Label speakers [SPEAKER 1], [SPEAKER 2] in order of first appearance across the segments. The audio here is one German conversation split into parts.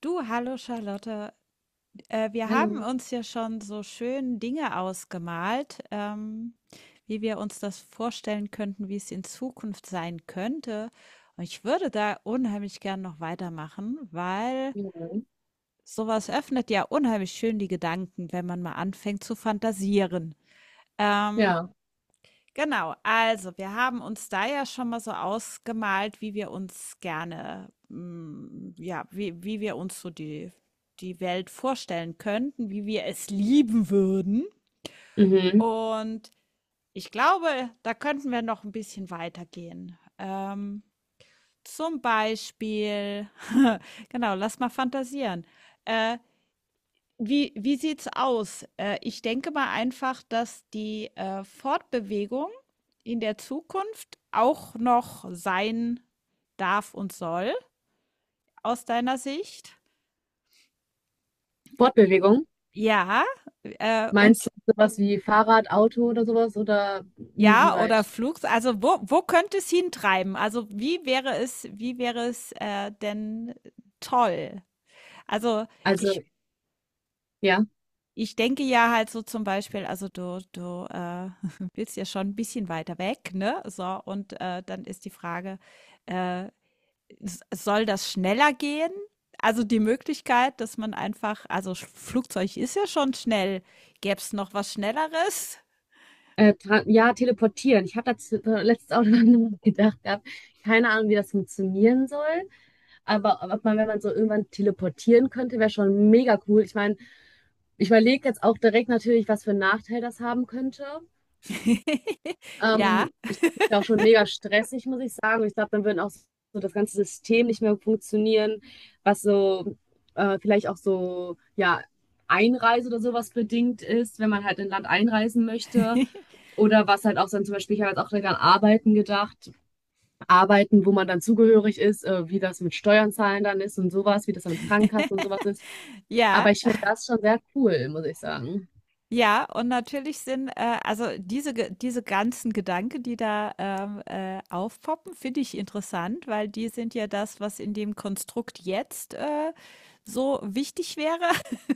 [SPEAKER 1] Du, hallo Charlotte. Wir haben
[SPEAKER 2] Hallo.
[SPEAKER 1] uns ja schon so schön Dinge ausgemalt, wie wir uns das vorstellen könnten, wie es in Zukunft sein könnte. Und ich würde da unheimlich gern noch weitermachen, weil
[SPEAKER 2] Ja.
[SPEAKER 1] sowas öffnet ja unheimlich schön die Gedanken, wenn man mal anfängt zu fantasieren. Ähm,
[SPEAKER 2] Ja.
[SPEAKER 1] Genau, also wir haben uns da ja schon mal so ausgemalt, wie wir uns gerne, ja, wie wir uns so die, die Welt vorstellen könnten, wie wir es lieben würden.
[SPEAKER 2] Mhm.
[SPEAKER 1] Und ich glaube, da könnten wir noch ein bisschen weitergehen. Zum Beispiel, genau, lass mal fantasieren. Äh, wie sieht's aus? Ich denke mal einfach, dass die, Fortbewegung in der Zukunft auch noch sein darf und soll aus deiner Sicht.
[SPEAKER 2] Fortbewegung.
[SPEAKER 1] Ja, und
[SPEAKER 2] Meinst du sowas wie Fahrrad, Auto oder sowas? Oder
[SPEAKER 1] ja, oder
[SPEAKER 2] inwieweit?
[SPEAKER 1] Flugs, also, wo könnte es hintreiben? Also, wie wäre es denn toll? Also,
[SPEAKER 2] Also,
[SPEAKER 1] ich
[SPEAKER 2] ja.
[SPEAKER 1] Ich denke ja halt so zum Beispiel, also du willst ja schon ein bisschen weiter weg, ne? So, und, dann ist die Frage, äh, s soll das schneller gehen? Also, die Möglichkeit, dass man einfach, also, Sch Flugzeug ist ja schon schnell. Gäb's noch was Schnelleres?
[SPEAKER 2] Teleportieren. Ich habe dazu letztes auch noch gedacht gehabt. Keine Ahnung, wie das funktionieren soll. Aber ob man, wenn man so irgendwann teleportieren könnte, wäre schon mega cool. Ich meine, ich überlege jetzt auch direkt natürlich, was für einen Nachteil das haben könnte.
[SPEAKER 1] Ja.
[SPEAKER 2] Ich glaube, das ist ja auch schon mega stressig, muss ich sagen. Und ich glaube, dann würde auch so das ganze System nicht mehr funktionieren, was so vielleicht auch so, ja, Einreise oder sowas bedingt ist, wenn man halt in ein Land einreisen möchte. Oder was halt auch dann zum Beispiel, ich habe jetzt auch direkt an Arbeiten gedacht, Arbeiten, wo man dann zugehörig ist, wie das mit Steuern zahlen dann ist und sowas, wie das dann mit Krankenkasse und sowas ist.
[SPEAKER 1] Ja.
[SPEAKER 2] Aber ich finde das schon sehr cool, muss ich sagen.
[SPEAKER 1] Ja, und natürlich sind, also diese ganzen Gedanken, die da, aufpoppen, finde ich interessant, weil die sind ja das, was in dem Konstrukt jetzt, so wichtig wäre.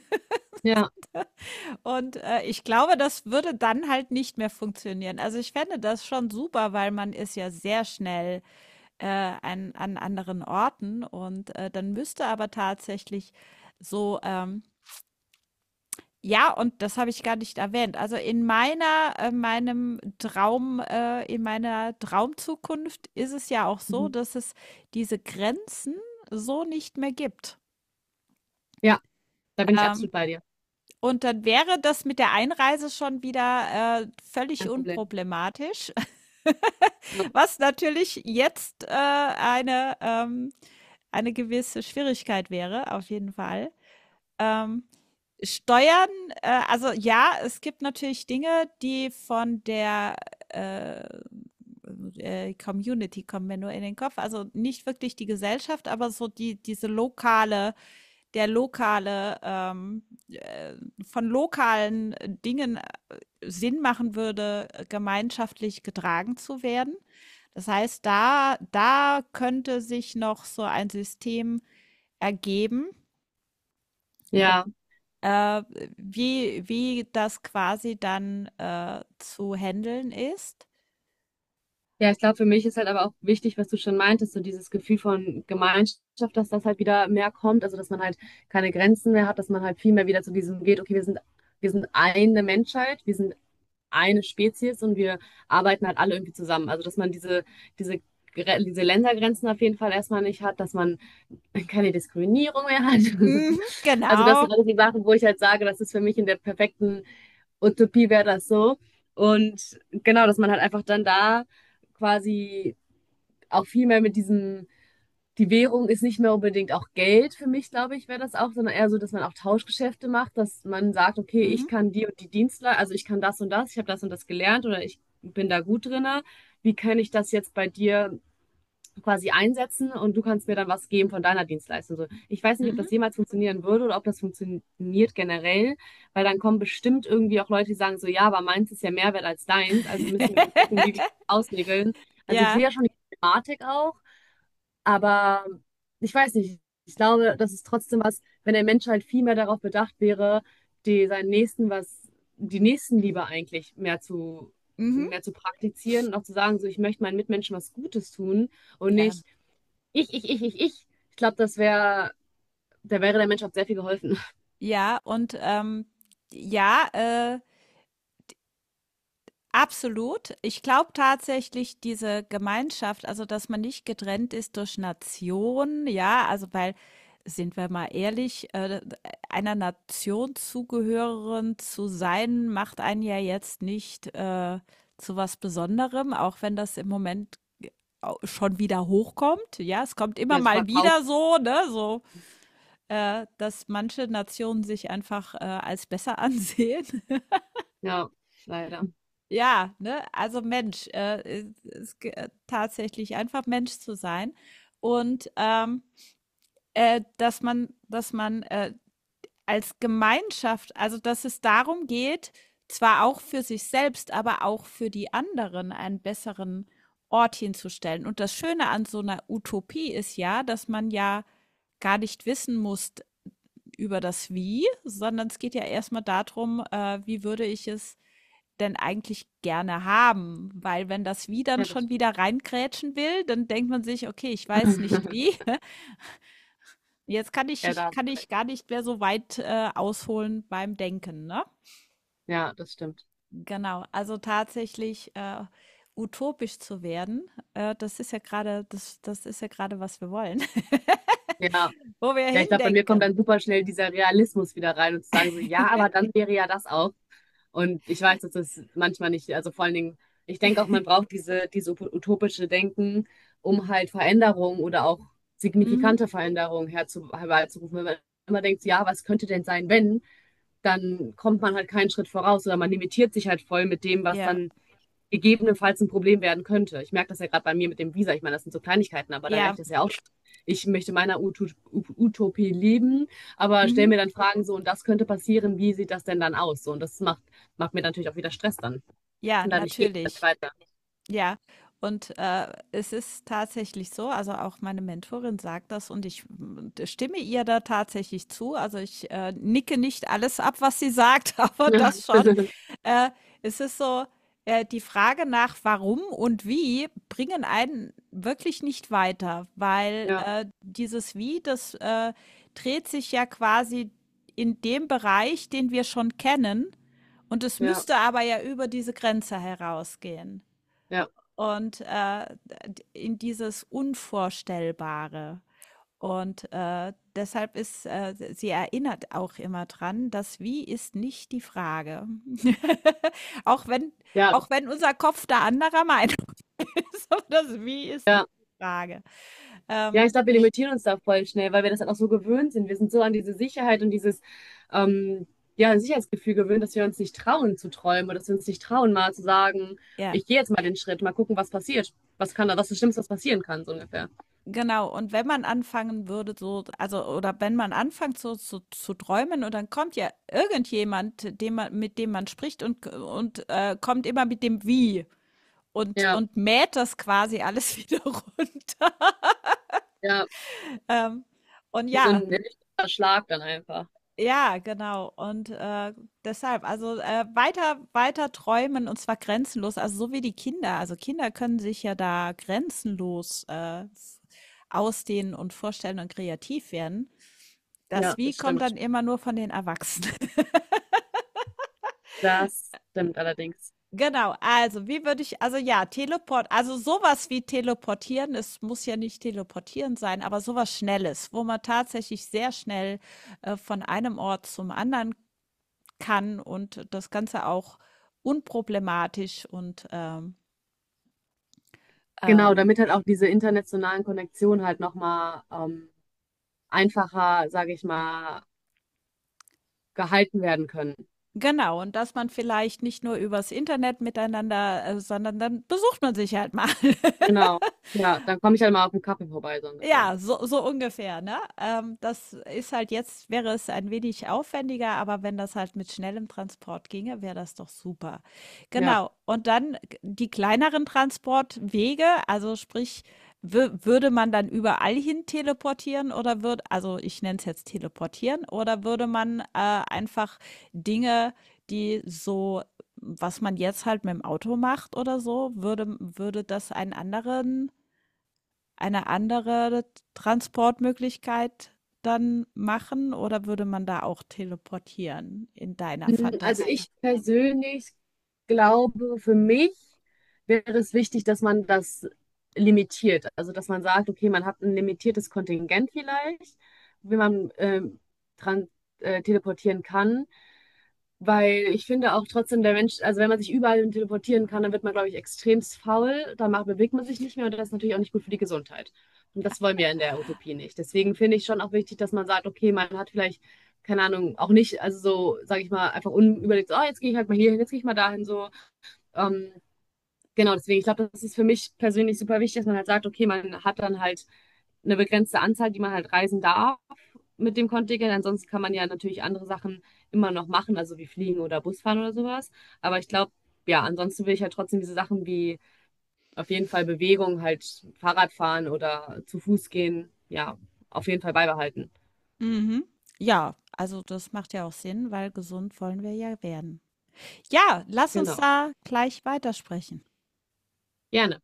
[SPEAKER 2] Ja,
[SPEAKER 1] Und, ich glaube, das würde dann halt nicht mehr funktionieren. Also, ich fände das schon super, weil man ist ja sehr schnell, äh, an anderen Orten, und, dann müsste aber tatsächlich so. Ja, und das habe ich gar nicht erwähnt. Also in meiner, meinem Traum, in meiner Traumzukunft ist es ja auch so,
[SPEAKER 2] mhm.
[SPEAKER 1] dass es diese Grenzen so nicht mehr gibt.
[SPEAKER 2] Ja, da bin ich
[SPEAKER 1] Ähm,
[SPEAKER 2] absolut bei dir.
[SPEAKER 1] und dann wäre das mit der Einreise schon wieder völlig
[SPEAKER 2] Kein Problem.
[SPEAKER 1] unproblematisch, was natürlich jetzt eine gewisse Schwierigkeit wäre, auf jeden Fall. Ähm, Steuern, also ja, es gibt natürlich Dinge, die von der äh, Community, kommen mir nur in den Kopf. Also nicht wirklich die Gesellschaft, aber so diese lokale, der lokale, äh, von lokalen Dingen Sinn machen würde, gemeinschaftlich getragen zu werden. Das heißt, da könnte sich noch so ein System ergeben,
[SPEAKER 2] Ja.
[SPEAKER 1] äh, wie das quasi dann, zu handeln ist?
[SPEAKER 2] Ja, ich glaube, für mich ist halt aber auch wichtig, was du schon meintest, so dieses Gefühl von Gemeinschaft, dass das halt wieder mehr kommt, also dass man halt keine Grenzen mehr hat, dass man halt viel mehr wieder zu diesem geht, okay, wir sind eine Menschheit, wir sind eine Spezies und wir arbeiten halt alle irgendwie zusammen. Also dass man diese, diese Ländergrenzen auf jeden Fall erstmal nicht hat, dass man keine Diskriminierung mehr hat.
[SPEAKER 1] Mhm,
[SPEAKER 2] Also das
[SPEAKER 1] genau.
[SPEAKER 2] sind alles die Sachen, wo ich halt sage, das ist für mich in der perfekten Utopie wäre das so. Und genau, dass man halt einfach dann da quasi auch viel mehr mit diesem, die Währung ist nicht mehr unbedingt auch Geld für mich, glaube ich, wäre das auch, sondern eher so, dass man auch Tauschgeschäfte macht, dass man sagt, okay, ich
[SPEAKER 1] Mhm,
[SPEAKER 2] kann die und die Dienstleistung, also ich kann das und das, ich habe das und das gelernt oder ich bin da gut drinne. Wie kann ich das jetzt bei dir quasi einsetzen und du kannst mir dann was geben von deiner Dienstleistung. So, ich weiß nicht, ob
[SPEAKER 1] mhm.
[SPEAKER 2] das jemals funktionieren würde oder ob das funktioniert generell, weil dann kommen bestimmt irgendwie auch Leute, die sagen so, ja, aber meins ist ja mehr wert als deins, also müssen wir gucken, wie wir das ausregeln. Also ich
[SPEAKER 1] Ja.
[SPEAKER 2] sehe ja schon die Thematik auch, aber ich weiß nicht, ich glaube, das ist trotzdem was, wenn der Mensch halt viel mehr darauf bedacht wäre, die seinen Nächsten was, die Nächstenliebe eigentlich
[SPEAKER 1] Mhm,
[SPEAKER 2] mehr zu praktizieren und auch zu sagen, so ich möchte meinen Mitmenschen was Gutes tun und
[SPEAKER 1] ja.
[SPEAKER 2] nicht ich, ich, ich, ich, ich. Ich glaube, das wäre, da wäre der Menschheit sehr viel geholfen.
[SPEAKER 1] Ja, und, ja, absolut. Ich glaube tatsächlich diese Gemeinschaft, also dass man nicht getrennt ist durch Nation, ja, also weil, sind wir mal ehrlich, einer Nation zugehören zu sein, macht einen ja jetzt nicht zu was Besonderem, auch wenn das im Moment schon wieder hochkommt. Ja, es kommt immer
[SPEAKER 2] Ja, so
[SPEAKER 1] mal
[SPEAKER 2] verkauft.
[SPEAKER 1] wieder so, ne, so, dass manche Nationen sich einfach als besser ansehen.
[SPEAKER 2] Ja, leider.
[SPEAKER 1] Ja, ne? Also Mensch, tatsächlich einfach Mensch zu sein, und dass man, dass man als Gemeinschaft, also dass es darum geht, zwar auch für sich selbst, aber auch für die anderen einen besseren Ort hinzustellen. Und das Schöne an so einer Utopie ist ja, dass man ja gar nicht wissen muss über das Wie, sondern es geht ja erstmal darum, wie würde ich es denn eigentlich gerne haben? Weil wenn das Wie dann
[SPEAKER 2] Ja, das
[SPEAKER 1] schon
[SPEAKER 2] stimmt.
[SPEAKER 1] wieder reingrätschen will, dann denkt man sich, okay, ich weiß nicht wie. Jetzt
[SPEAKER 2] Ja, da hast
[SPEAKER 1] kann
[SPEAKER 2] du
[SPEAKER 1] ich
[SPEAKER 2] recht.
[SPEAKER 1] gar nicht mehr so weit ausholen beim Denken, ne?
[SPEAKER 2] Ja, das stimmt.
[SPEAKER 1] Genau, also tatsächlich utopisch zu werden, das ist ja gerade, das ist ja gerade, was wir wollen,
[SPEAKER 2] Ja.
[SPEAKER 1] wo wir
[SPEAKER 2] Ja, ich glaube, bei mir kommt
[SPEAKER 1] hindenken.
[SPEAKER 2] dann super schnell dieser Realismus wieder rein und zu sagen so, ja, aber dann wäre ja das auch. Und ich weiß, dass das manchmal nicht, also vor allen Dingen, ich denke auch, man braucht diese utopische Denken, um halt Veränderungen oder auch
[SPEAKER 1] Mhm.
[SPEAKER 2] herbeizurufen. Wenn man immer denkt, so, ja, was könnte denn sein, wenn, dann kommt man halt keinen Schritt voraus oder man limitiert sich halt voll mit dem, was
[SPEAKER 1] Ja,
[SPEAKER 2] dann gegebenenfalls ein Problem werden könnte. Ich merke das ja gerade bei mir mit dem Visa. Ich meine, das sind so Kleinigkeiten, aber da merke
[SPEAKER 1] ja,
[SPEAKER 2] ich das ja auch schon. Ich möchte meiner Utopie leben, aber stelle
[SPEAKER 1] mhm.
[SPEAKER 2] mir dann Fragen so, und das könnte passieren, wie sieht das denn dann aus? So, und macht mir natürlich auch wieder Stress dann.
[SPEAKER 1] Ja,
[SPEAKER 2] Und dadurch geht es
[SPEAKER 1] natürlich.
[SPEAKER 2] dann weiter.
[SPEAKER 1] Ja, und es ist tatsächlich so, also auch meine Mentorin sagt das und ich, stimme ihr da tatsächlich zu. Also ich nicke nicht alles ab, was sie sagt, aber das schon. Äh, Es ist so, die Frage nach warum und wie bringen einen wirklich nicht weiter, weil
[SPEAKER 2] Ja,
[SPEAKER 1] dieses Wie, das dreht sich ja quasi in dem Bereich, den wir schon kennen, und es
[SPEAKER 2] ja,
[SPEAKER 1] müsste aber ja über diese Grenze herausgehen
[SPEAKER 2] ja,
[SPEAKER 1] und in dieses Unvorstellbare. Und deshalb ist, sie erinnert auch immer dran, das Wie ist nicht die Frage. auch, wenn,
[SPEAKER 2] ja, das,
[SPEAKER 1] auch wenn unser Kopf da anderer Meinung ist, aber das Wie ist nicht
[SPEAKER 2] ja.
[SPEAKER 1] die Frage.
[SPEAKER 2] Ja,
[SPEAKER 1] Ähm,
[SPEAKER 2] ich glaube, wir limitieren uns da voll schnell, weil wir das halt auch so gewöhnt sind. Wir sind so an diese Sicherheit und dieses ähm, ja, Sicherheitsgefühl gewöhnt, dass wir uns nicht trauen zu träumen oder dass wir uns nicht trauen, mal zu sagen,
[SPEAKER 1] ja,
[SPEAKER 2] ich gehe jetzt mal den Schritt, mal gucken, was passiert. Was kann da, was ist das Schlimmste, was passieren kann, so ungefähr.
[SPEAKER 1] genau. Und wenn man anfangen würde, so, also, oder wenn man anfängt, so zu träumen, und dann kommt ja irgendjemand, dem man, mit dem man spricht, und, und kommt immer mit dem Wie, und,
[SPEAKER 2] Ja,
[SPEAKER 1] und mäht das quasi alles wieder runter.
[SPEAKER 2] ja,
[SPEAKER 1] Ähm, und
[SPEAKER 2] wie so
[SPEAKER 1] ja,
[SPEAKER 2] ein richtiger Schlag dann einfach.
[SPEAKER 1] ja, genau. Und deshalb, also weiter, weiter träumen, und zwar grenzenlos, also so wie die Kinder. Also Kinder können sich ja da grenzenlos ausdehnen und vorstellen und kreativ werden. Das
[SPEAKER 2] Ja,
[SPEAKER 1] Wie
[SPEAKER 2] das
[SPEAKER 1] kommt
[SPEAKER 2] stimmt.
[SPEAKER 1] dann immer nur von den Erwachsenen.
[SPEAKER 2] Das stimmt allerdings.
[SPEAKER 1] Genau, also wie würde ich, also ja, Teleport, also sowas wie teleportieren, es muss ja nicht teleportieren sein, aber sowas Schnelles, wo man tatsächlich sehr schnell, von einem Ort zum anderen kann, und das Ganze auch unproblematisch, und,
[SPEAKER 2] Genau,
[SPEAKER 1] ähm
[SPEAKER 2] damit halt auch diese internationalen Konnektionen halt nochmal einfacher, sage ich mal, gehalten werden können.
[SPEAKER 1] genau, und dass man vielleicht nicht nur übers Internet miteinander, sondern dann besucht man sich halt mal.
[SPEAKER 2] Genau. Ja, dann komme ich halt mal auf einen Kaffee vorbei, so ungefähr.
[SPEAKER 1] Ja, so ungefähr, ne? Das ist halt jetzt, wäre es ein wenig aufwendiger, aber wenn das halt mit schnellem Transport ginge, wäre das doch super.
[SPEAKER 2] Ja.
[SPEAKER 1] Genau. Und dann die kleineren Transportwege, also sprich, würde man dann überall hin teleportieren, oder würde, also ich nenne es jetzt teleportieren, oder würde man einfach Dinge, die so, was man jetzt halt mit dem Auto macht oder so, würde das eine andere Transportmöglichkeit dann machen, oder würde man da auch teleportieren in deiner
[SPEAKER 2] Mm, also
[SPEAKER 1] Fantasie?
[SPEAKER 2] ich persönlich glaube, für mich wäre es wichtig, dass man das limitiert. Also dass man sagt, okay, man hat ein limitiertes Kontingent vielleicht, wie man dran teleportieren kann. Weil ich finde auch trotzdem, der Mensch, also wenn man sich überall hin teleportieren kann, dann wird man, glaube ich, extremst faul, dann macht, bewegt man sich nicht mehr und das ist natürlich auch nicht gut für die Gesundheit. Und das wollen wir in der Utopie nicht. Deswegen finde ich schon auch wichtig, dass man sagt, okay, man hat vielleicht, keine Ahnung, auch nicht, also so, sage ich mal, einfach unüberlegt, so, oh, jetzt gehe ich halt mal hierhin, jetzt gehe ich mal dahin, so. Ähm, genau, deswegen, ich glaube, das ist für mich persönlich super wichtig, dass man halt sagt, okay, man hat dann halt eine begrenzte Anzahl, die man halt reisen darf mit dem Kontingent. Ansonsten kann man ja natürlich andere Sachen immer noch machen, also wie fliegen oder Busfahren oder sowas. Aber ich glaube, ja, ansonsten will ich halt trotzdem diese Sachen wie auf jeden Fall Bewegung, halt Fahrradfahren oder zu Fuß gehen, ja, auf jeden Fall beibehalten.
[SPEAKER 1] Mhm. Ja, also das macht ja auch Sinn, weil gesund wollen wir ja werden. Ja, lass uns
[SPEAKER 2] Genau.
[SPEAKER 1] da gleich weitersprechen.
[SPEAKER 2] Gerne.